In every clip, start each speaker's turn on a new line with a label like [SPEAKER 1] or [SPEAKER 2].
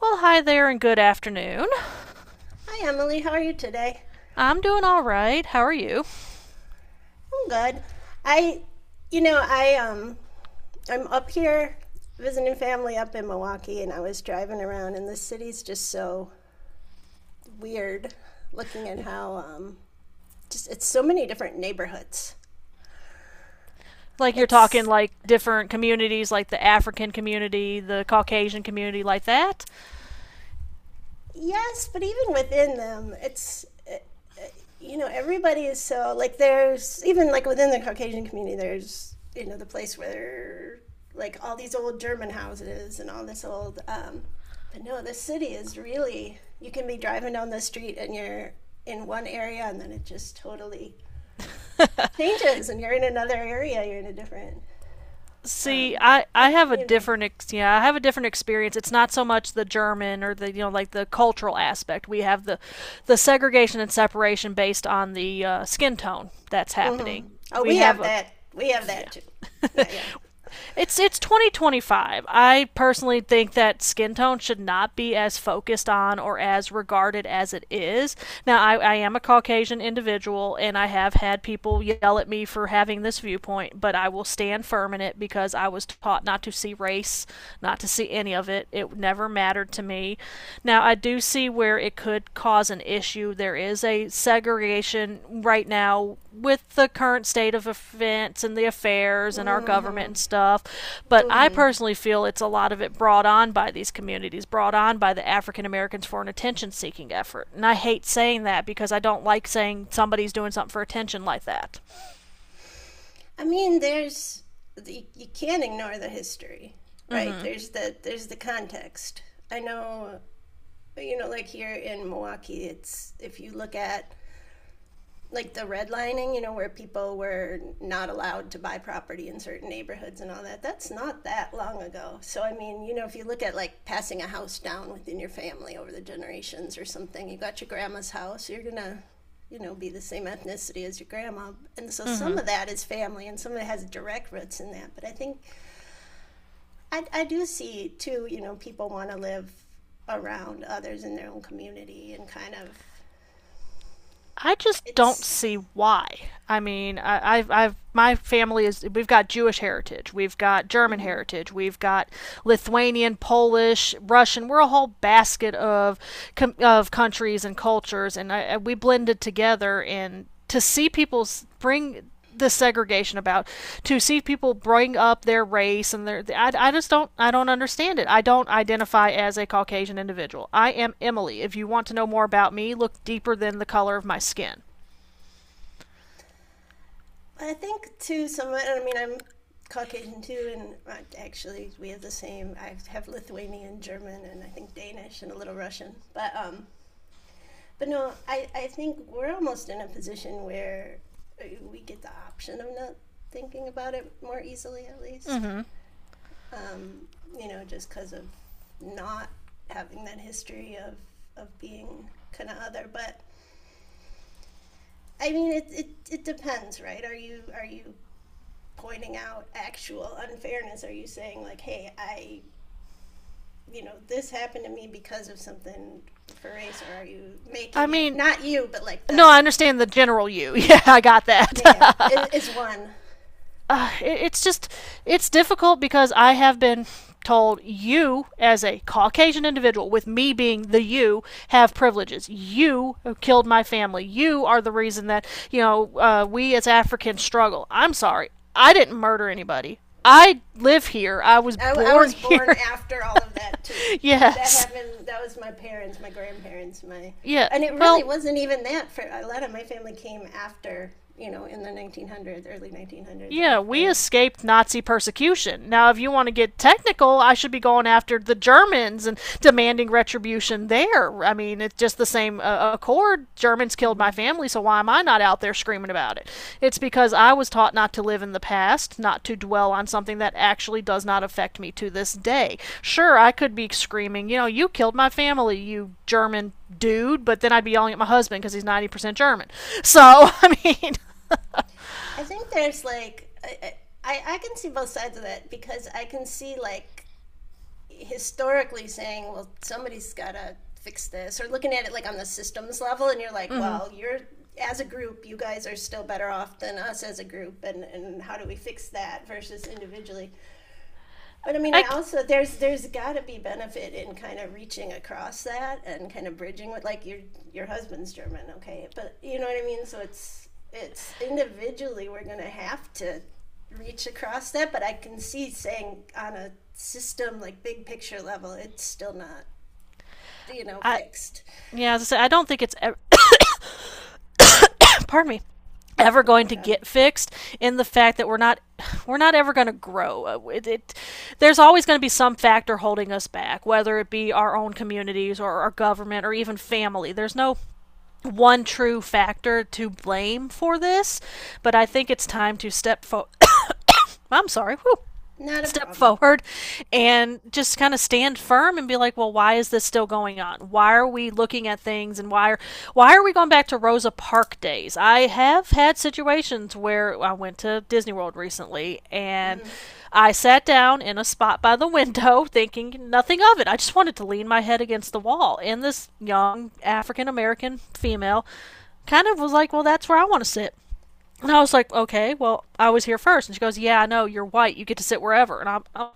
[SPEAKER 1] Well, hi there and good afternoon.
[SPEAKER 2] Hi Emily, how are you today?
[SPEAKER 1] I'm doing all right. How are you?
[SPEAKER 2] I'm good. I you know, I I'm up here visiting family up in Milwaukee and I was driving around and the city's just so weird looking at how just it's so many different neighborhoods.
[SPEAKER 1] Like you're talking
[SPEAKER 2] It's
[SPEAKER 1] like different communities, like the African community, the Caucasian community, like that.
[SPEAKER 2] Yes, but even within them, you know, everybody is so like there's even like within the Caucasian community, there's you know the place where like all these old German houses and all this old. But no, this city is really you can be driving down the street and you're in one area and then it just totally changes and you're in another area. You're in a different
[SPEAKER 1] See,
[SPEAKER 2] um,
[SPEAKER 1] I have a
[SPEAKER 2] community.
[SPEAKER 1] different yeah, I have a different experience. It's not so much the German or the you know like the cultural aspect. We have the segregation and separation based on the skin tone that's
[SPEAKER 2] Mm-hmm.
[SPEAKER 1] happening.
[SPEAKER 2] Oh,
[SPEAKER 1] We
[SPEAKER 2] we have
[SPEAKER 1] have a
[SPEAKER 2] that. We have that
[SPEAKER 1] yeah,
[SPEAKER 2] too. Yeah, yeah.
[SPEAKER 1] it's 2025. I personally think that skin tone should not be as focused on or as regarded as it is. Now, I am a Caucasian individual, and I have had people yell at me for having this viewpoint, but I will stand firm in it because I was taught not to see race, not to see any of it. It never mattered to me. Now, I do see where it could cause an issue. There is a segregation right now with the current state of events and the affairs and our government
[SPEAKER 2] Mm-hmm.
[SPEAKER 1] and stuff. But I
[SPEAKER 2] Mm-hmm.
[SPEAKER 1] personally feel it's a lot of it brought on by these communities, brought on by the African Americans for an attention seeking effort. And I hate saying that because I don't like saying somebody's doing something for attention like that.
[SPEAKER 2] I mean, you, can't ignore the history,
[SPEAKER 1] Mm
[SPEAKER 2] right?
[SPEAKER 1] hmm.
[SPEAKER 2] There's the context. I know, you know, like here in Milwaukee, it's if you look at like the redlining, you know, where people were not allowed to buy property in certain neighborhoods and all that, that's not that long ago. So, I mean, you know, if you look at like passing a house down within your family over the generations or something, you got your grandma's house, you're going to, you know, be the same ethnicity as your grandma. And so
[SPEAKER 1] Mm
[SPEAKER 2] some
[SPEAKER 1] hmm.
[SPEAKER 2] of that is family and some of it has direct roots in that. But I think I do see too, you know, people want to live around others in their own community and kind of
[SPEAKER 1] I just don't
[SPEAKER 2] it's.
[SPEAKER 1] see why. I mean, I've my family is, we've got Jewish heritage, we've got German
[SPEAKER 2] Mm-hmm.
[SPEAKER 1] heritage, we've got Lithuanian, Polish, Russian. We're a whole basket of countries and cultures, and I, we blended together. And to see people bring the segregation about, to see people bring up their race and their I just don't, I don't understand it. I don't identify as a Caucasian individual. I am Emily. If you want to know more about me, look deeper than the color of my skin.
[SPEAKER 2] I think too somewhat. I mean, I'm Caucasian too, and actually we have the same. I have Lithuanian, German, and I think Danish and a little Russian. But no, I think we're almost in a position where we get the option of not thinking about it more easily, at least.
[SPEAKER 1] Mm-hmm.
[SPEAKER 2] Um, you know, just because of not having that history of being kind of other, but. I mean, it depends, right? Are you pointing out actual unfairness? Are you saying like, hey, I, you know, this happened to me because of something for race, or are you
[SPEAKER 1] I
[SPEAKER 2] making it
[SPEAKER 1] mean,
[SPEAKER 2] not you, but like
[SPEAKER 1] no,
[SPEAKER 2] the
[SPEAKER 1] I understand the general you. Yeah, I got
[SPEAKER 2] yeah, yeah,
[SPEAKER 1] that.
[SPEAKER 2] it, one.
[SPEAKER 1] It's just it's difficult because I have been told you, as a Caucasian individual, with me being the you, have privileges. You have killed my family. You are the reason that, you know, we as Africans struggle. I'm sorry, I didn't murder anybody. I live here. I was
[SPEAKER 2] I
[SPEAKER 1] born
[SPEAKER 2] was born
[SPEAKER 1] here.
[SPEAKER 2] after all of that too. Like that
[SPEAKER 1] Yes.
[SPEAKER 2] happened. That was my parents, my grandparents, my,
[SPEAKER 1] Yeah.
[SPEAKER 2] and it really
[SPEAKER 1] Well,
[SPEAKER 2] wasn't even that. For a lot of my family came after, you know, in the 1900s, early 1900s,
[SPEAKER 1] yeah, we
[SPEAKER 2] after.
[SPEAKER 1] escaped Nazi persecution. Now, if you want to get technical, I should be going after the Germans and demanding retribution there. I mean, it's just the same accord. Germans killed my
[SPEAKER 2] Mm-hmm.
[SPEAKER 1] family, so why am I not out there screaming about it? It's because I was taught not to live in the past, not to dwell on something that actually does not affect me to this day. Sure, I could be screaming, you know, you killed my family, you German dude, but then I'd be yelling at my husband because he's 90% German. So, I mean,
[SPEAKER 2] I think there's like I can see both sides of that because I can see like historically saying, well, somebody's got to fix this, or looking at it like on the systems level, and you're like,
[SPEAKER 1] mm-hmm.
[SPEAKER 2] well, you're as a group, you guys are still better off than us as a group, and how do we fix that versus individually? But I mean,
[SPEAKER 1] I.
[SPEAKER 2] I also there's got to be benefit in kind of reaching across that and kind of bridging with like your husband's German, okay? But you know what I mean. So it's individually we're gonna have to reach across that. But I can see saying on a system like big picture level, it's still not you know
[SPEAKER 1] I,
[SPEAKER 2] fixed.
[SPEAKER 1] yeah, as I said, I don't think it's ever, pardon me,
[SPEAKER 2] No, no
[SPEAKER 1] ever going to
[SPEAKER 2] problem.
[SPEAKER 1] get fixed, in the fact that we're not, we're not ever going to grow. It there's always going to be some factor holding us back, whether it be our own communities or our government or even family. There's no one true factor to blame for this, but I
[SPEAKER 2] Mm.
[SPEAKER 1] think it's time to step forward. I'm sorry, whew.
[SPEAKER 2] Not a
[SPEAKER 1] Step
[SPEAKER 2] problem.
[SPEAKER 1] forward and just kind of stand firm and be like, well, why is this still going on? Why are we looking at things and why are, why are we going back to Rosa Parks days? I have had situations where I went to Disney World recently and
[SPEAKER 2] Hmm.
[SPEAKER 1] I sat down in a spot by the window, thinking nothing of it. I just wanted to lean my head against the wall, and this young African American female kind of was like, well, that's where I want to sit. And I was like, okay, well, I was here first. And she goes, yeah, I know, you're white. You get to sit wherever. And I'm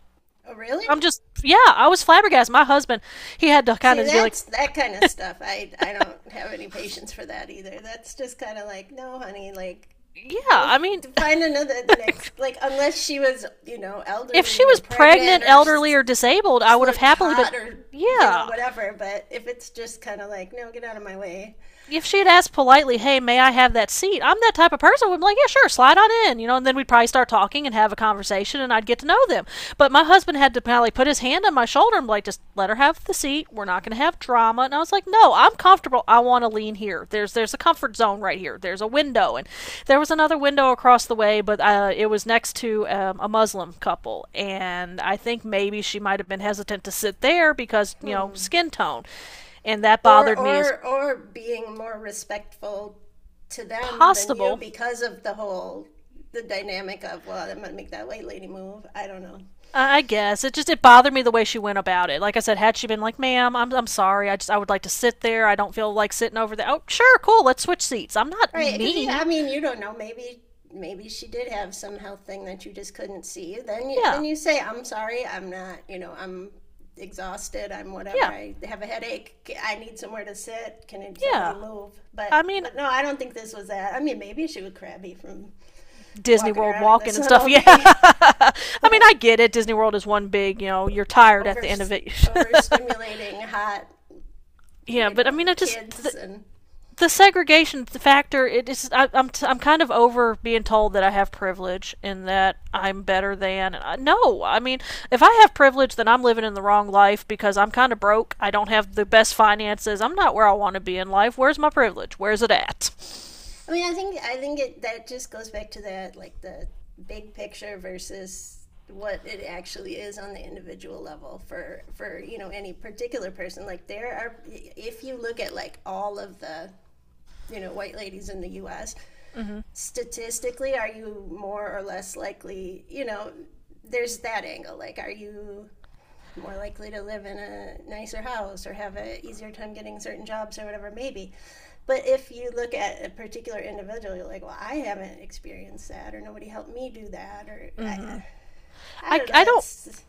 [SPEAKER 2] Oh, really?
[SPEAKER 1] I'm just, yeah, I was flabbergasted. My husband, he had to kind
[SPEAKER 2] See,
[SPEAKER 1] of be like,
[SPEAKER 2] that's that kind of stuff. I don't have any patience for that either. That's just kind of like, no, honey, like
[SPEAKER 1] yeah,
[SPEAKER 2] go
[SPEAKER 1] I mean,
[SPEAKER 2] f- find another the next like unless she was, you know,
[SPEAKER 1] if she
[SPEAKER 2] elderly or
[SPEAKER 1] was
[SPEAKER 2] pregnant
[SPEAKER 1] pregnant,
[SPEAKER 2] or
[SPEAKER 1] elderly, or disabled, I
[SPEAKER 2] just
[SPEAKER 1] would have
[SPEAKER 2] looked
[SPEAKER 1] happily been,
[SPEAKER 2] hot or you know
[SPEAKER 1] yeah,
[SPEAKER 2] whatever, but if it's just kind of like, no, get out of my way.
[SPEAKER 1] if she had asked politely, "Hey, may I have that seat?" I'm that type of person. I'm like, "Yeah, sure, slide on in," you know, and then we'd probably start talking and have a conversation, and I'd get to know them. But my husband had to probably put his hand on my shoulder and be like, "Just let her have the seat. We're not going to have drama." And I was like, "No, I'm comfortable. I want to lean here. There's a comfort zone right here. There's a window, and there was another window across the way, but it was next to a Muslim couple, and I think maybe she might have been hesitant to sit there because, you know, skin tone, and that
[SPEAKER 2] Or
[SPEAKER 1] bothered me as
[SPEAKER 2] or or being more respectful to them than you
[SPEAKER 1] possible.
[SPEAKER 2] because of the dynamic of, well, I'm gonna make that white lady move. I don't know.
[SPEAKER 1] I guess it just it bothered me the way she went about it. Like I said, had she been like, "Ma'am, I'm sorry. I just I would like to sit there. I don't feel like sitting over there." Oh, sure, cool. Let's switch seats. I'm not
[SPEAKER 2] Right, because yeah, I
[SPEAKER 1] mean.
[SPEAKER 2] mean, you don't know. Maybe maybe she did have some health thing that you just couldn't see. Then you,
[SPEAKER 1] Yeah,
[SPEAKER 2] then you say, "I'm sorry, I'm not. You know, I'm exhausted. I'm whatever.
[SPEAKER 1] yeah,
[SPEAKER 2] I have a headache. I need somewhere to sit. Can somebody
[SPEAKER 1] yeah.
[SPEAKER 2] move?" But
[SPEAKER 1] I mean,
[SPEAKER 2] but no, I don't think this was that. I mean, maybe she was crabby from
[SPEAKER 1] Disney
[SPEAKER 2] walking
[SPEAKER 1] World
[SPEAKER 2] around in the
[SPEAKER 1] walking and
[SPEAKER 2] sun
[SPEAKER 1] stuff.
[SPEAKER 2] all
[SPEAKER 1] Yeah.
[SPEAKER 2] day,
[SPEAKER 1] I mean, I
[SPEAKER 2] but
[SPEAKER 1] get it. Disney World is one big, you know, you're tired at
[SPEAKER 2] over
[SPEAKER 1] the end of it.
[SPEAKER 2] overstimulating hot,
[SPEAKER 1] Yeah,
[SPEAKER 2] you
[SPEAKER 1] but I
[SPEAKER 2] know,
[SPEAKER 1] mean, I just
[SPEAKER 2] kids and
[SPEAKER 1] the segregation factor, it is, I'm I'm kind of over being told that I have privilege and that I'm better than. I, no, I mean, if I have privilege, then I'm living in the wrong life, because I'm kind of broke. I don't have the best finances. I'm not where I want to be in life. Where's my privilege? Where's it at?
[SPEAKER 2] I mean, I think it that just goes back to that like the big picture versus what it actually is on the individual level for you know any particular person like there are if you look at like all of the you know white ladies in the US statistically are you more or less likely you know there's that angle like are you more likely to live in a nicer house or have an easier time getting certain jobs or whatever maybe but if you look at a particular individual you're like well I haven't experienced that or nobody helped me do that or I
[SPEAKER 1] I,
[SPEAKER 2] don't know
[SPEAKER 1] I don't,
[SPEAKER 2] that's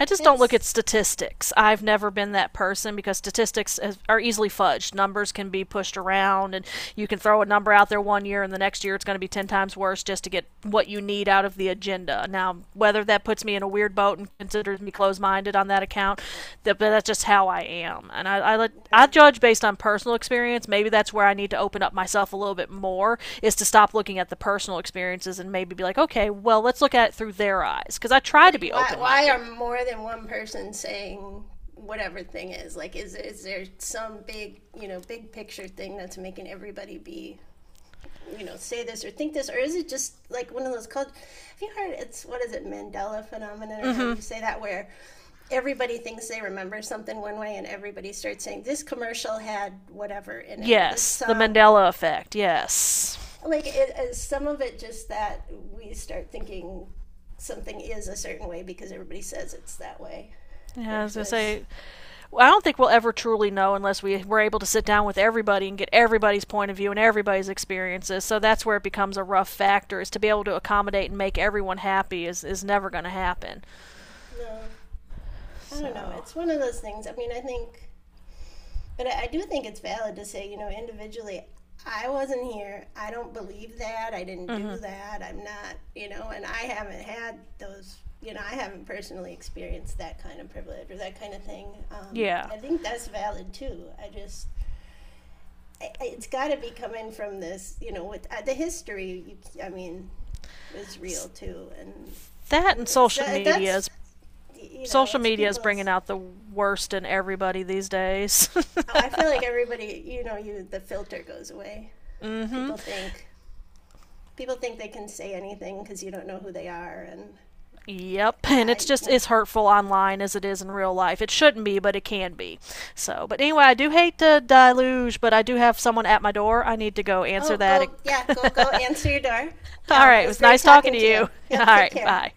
[SPEAKER 1] I just don't look at
[SPEAKER 2] that's
[SPEAKER 1] statistics. I've never been that person because statistics are easily fudged. Numbers can be pushed around, and you can throw a number out there one year, and the next year it's going to be 10 times worse just to get what you need out of the agenda. Now, whether that puts me in a weird boat and considers me closed minded on that account, that, but that's just how I am. And
[SPEAKER 2] yeah.
[SPEAKER 1] I judge based on personal experience. Maybe that's where I need to open up myself a little bit more, is to stop looking at the personal experiences and maybe be like, okay, well, let's look at it through their eyes. Because I try to
[SPEAKER 2] Like
[SPEAKER 1] be
[SPEAKER 2] why
[SPEAKER 1] open
[SPEAKER 2] why
[SPEAKER 1] minded.
[SPEAKER 2] are more than one person saying whatever thing is like is there some big you know big picture thing that's making everybody be you know say this or think this or is it just like one of those have you heard it's what is it Mandela phenomenon or however
[SPEAKER 1] Hmm.
[SPEAKER 2] you say that where everybody thinks they remember something one way and everybody starts saying this commercial had whatever in it or this
[SPEAKER 1] Yes, the
[SPEAKER 2] song
[SPEAKER 1] Mandela effect. Yes.
[SPEAKER 2] like it is some of it just that we start thinking something is a certain way because everybody says it's that way
[SPEAKER 1] Yeah, I was gonna
[SPEAKER 2] versus
[SPEAKER 1] say. I don't think we'll ever truly know unless we were able to sit down with everybody and get everybody's point of view and everybody's experiences. So that's where it becomes a rough factor. Is to be able to accommodate and make everyone happy is never gonna happen.
[SPEAKER 2] no I don't know
[SPEAKER 1] So
[SPEAKER 2] it's one of those things I mean I think but I do think it's valid to say, you know, individually, I wasn't here. I don't believe that. I didn't do that. I'm not, you know, and I haven't had those, you know, I haven't personally experienced that kind of privilege or that kind of thing.
[SPEAKER 1] yeah,
[SPEAKER 2] I think that's valid too. I, it's got to be coming from this, you know, with the history, you, I mean, is real too. And,
[SPEAKER 1] that and
[SPEAKER 2] and so that's, you know,
[SPEAKER 1] social
[SPEAKER 2] it's
[SPEAKER 1] media is bringing
[SPEAKER 2] people's,
[SPEAKER 1] out the worst in everybody these days.
[SPEAKER 2] oh, I feel like everybody, you know, you, the filter goes away people think people think they can say anything because you don't know who they are and
[SPEAKER 1] Yep, and it's
[SPEAKER 2] I
[SPEAKER 1] just as hurtful online as it is in real life. It shouldn't be, but it can be. So, but anyway, I do hate the deluge, but I do have someone at my door. I need to go answer
[SPEAKER 2] oh
[SPEAKER 1] that.
[SPEAKER 2] go yeah go answer your door
[SPEAKER 1] All right,
[SPEAKER 2] it
[SPEAKER 1] it
[SPEAKER 2] was
[SPEAKER 1] was
[SPEAKER 2] great
[SPEAKER 1] nice talking
[SPEAKER 2] talking
[SPEAKER 1] to
[SPEAKER 2] to you
[SPEAKER 1] you. All
[SPEAKER 2] yep take
[SPEAKER 1] right,
[SPEAKER 2] care
[SPEAKER 1] bye.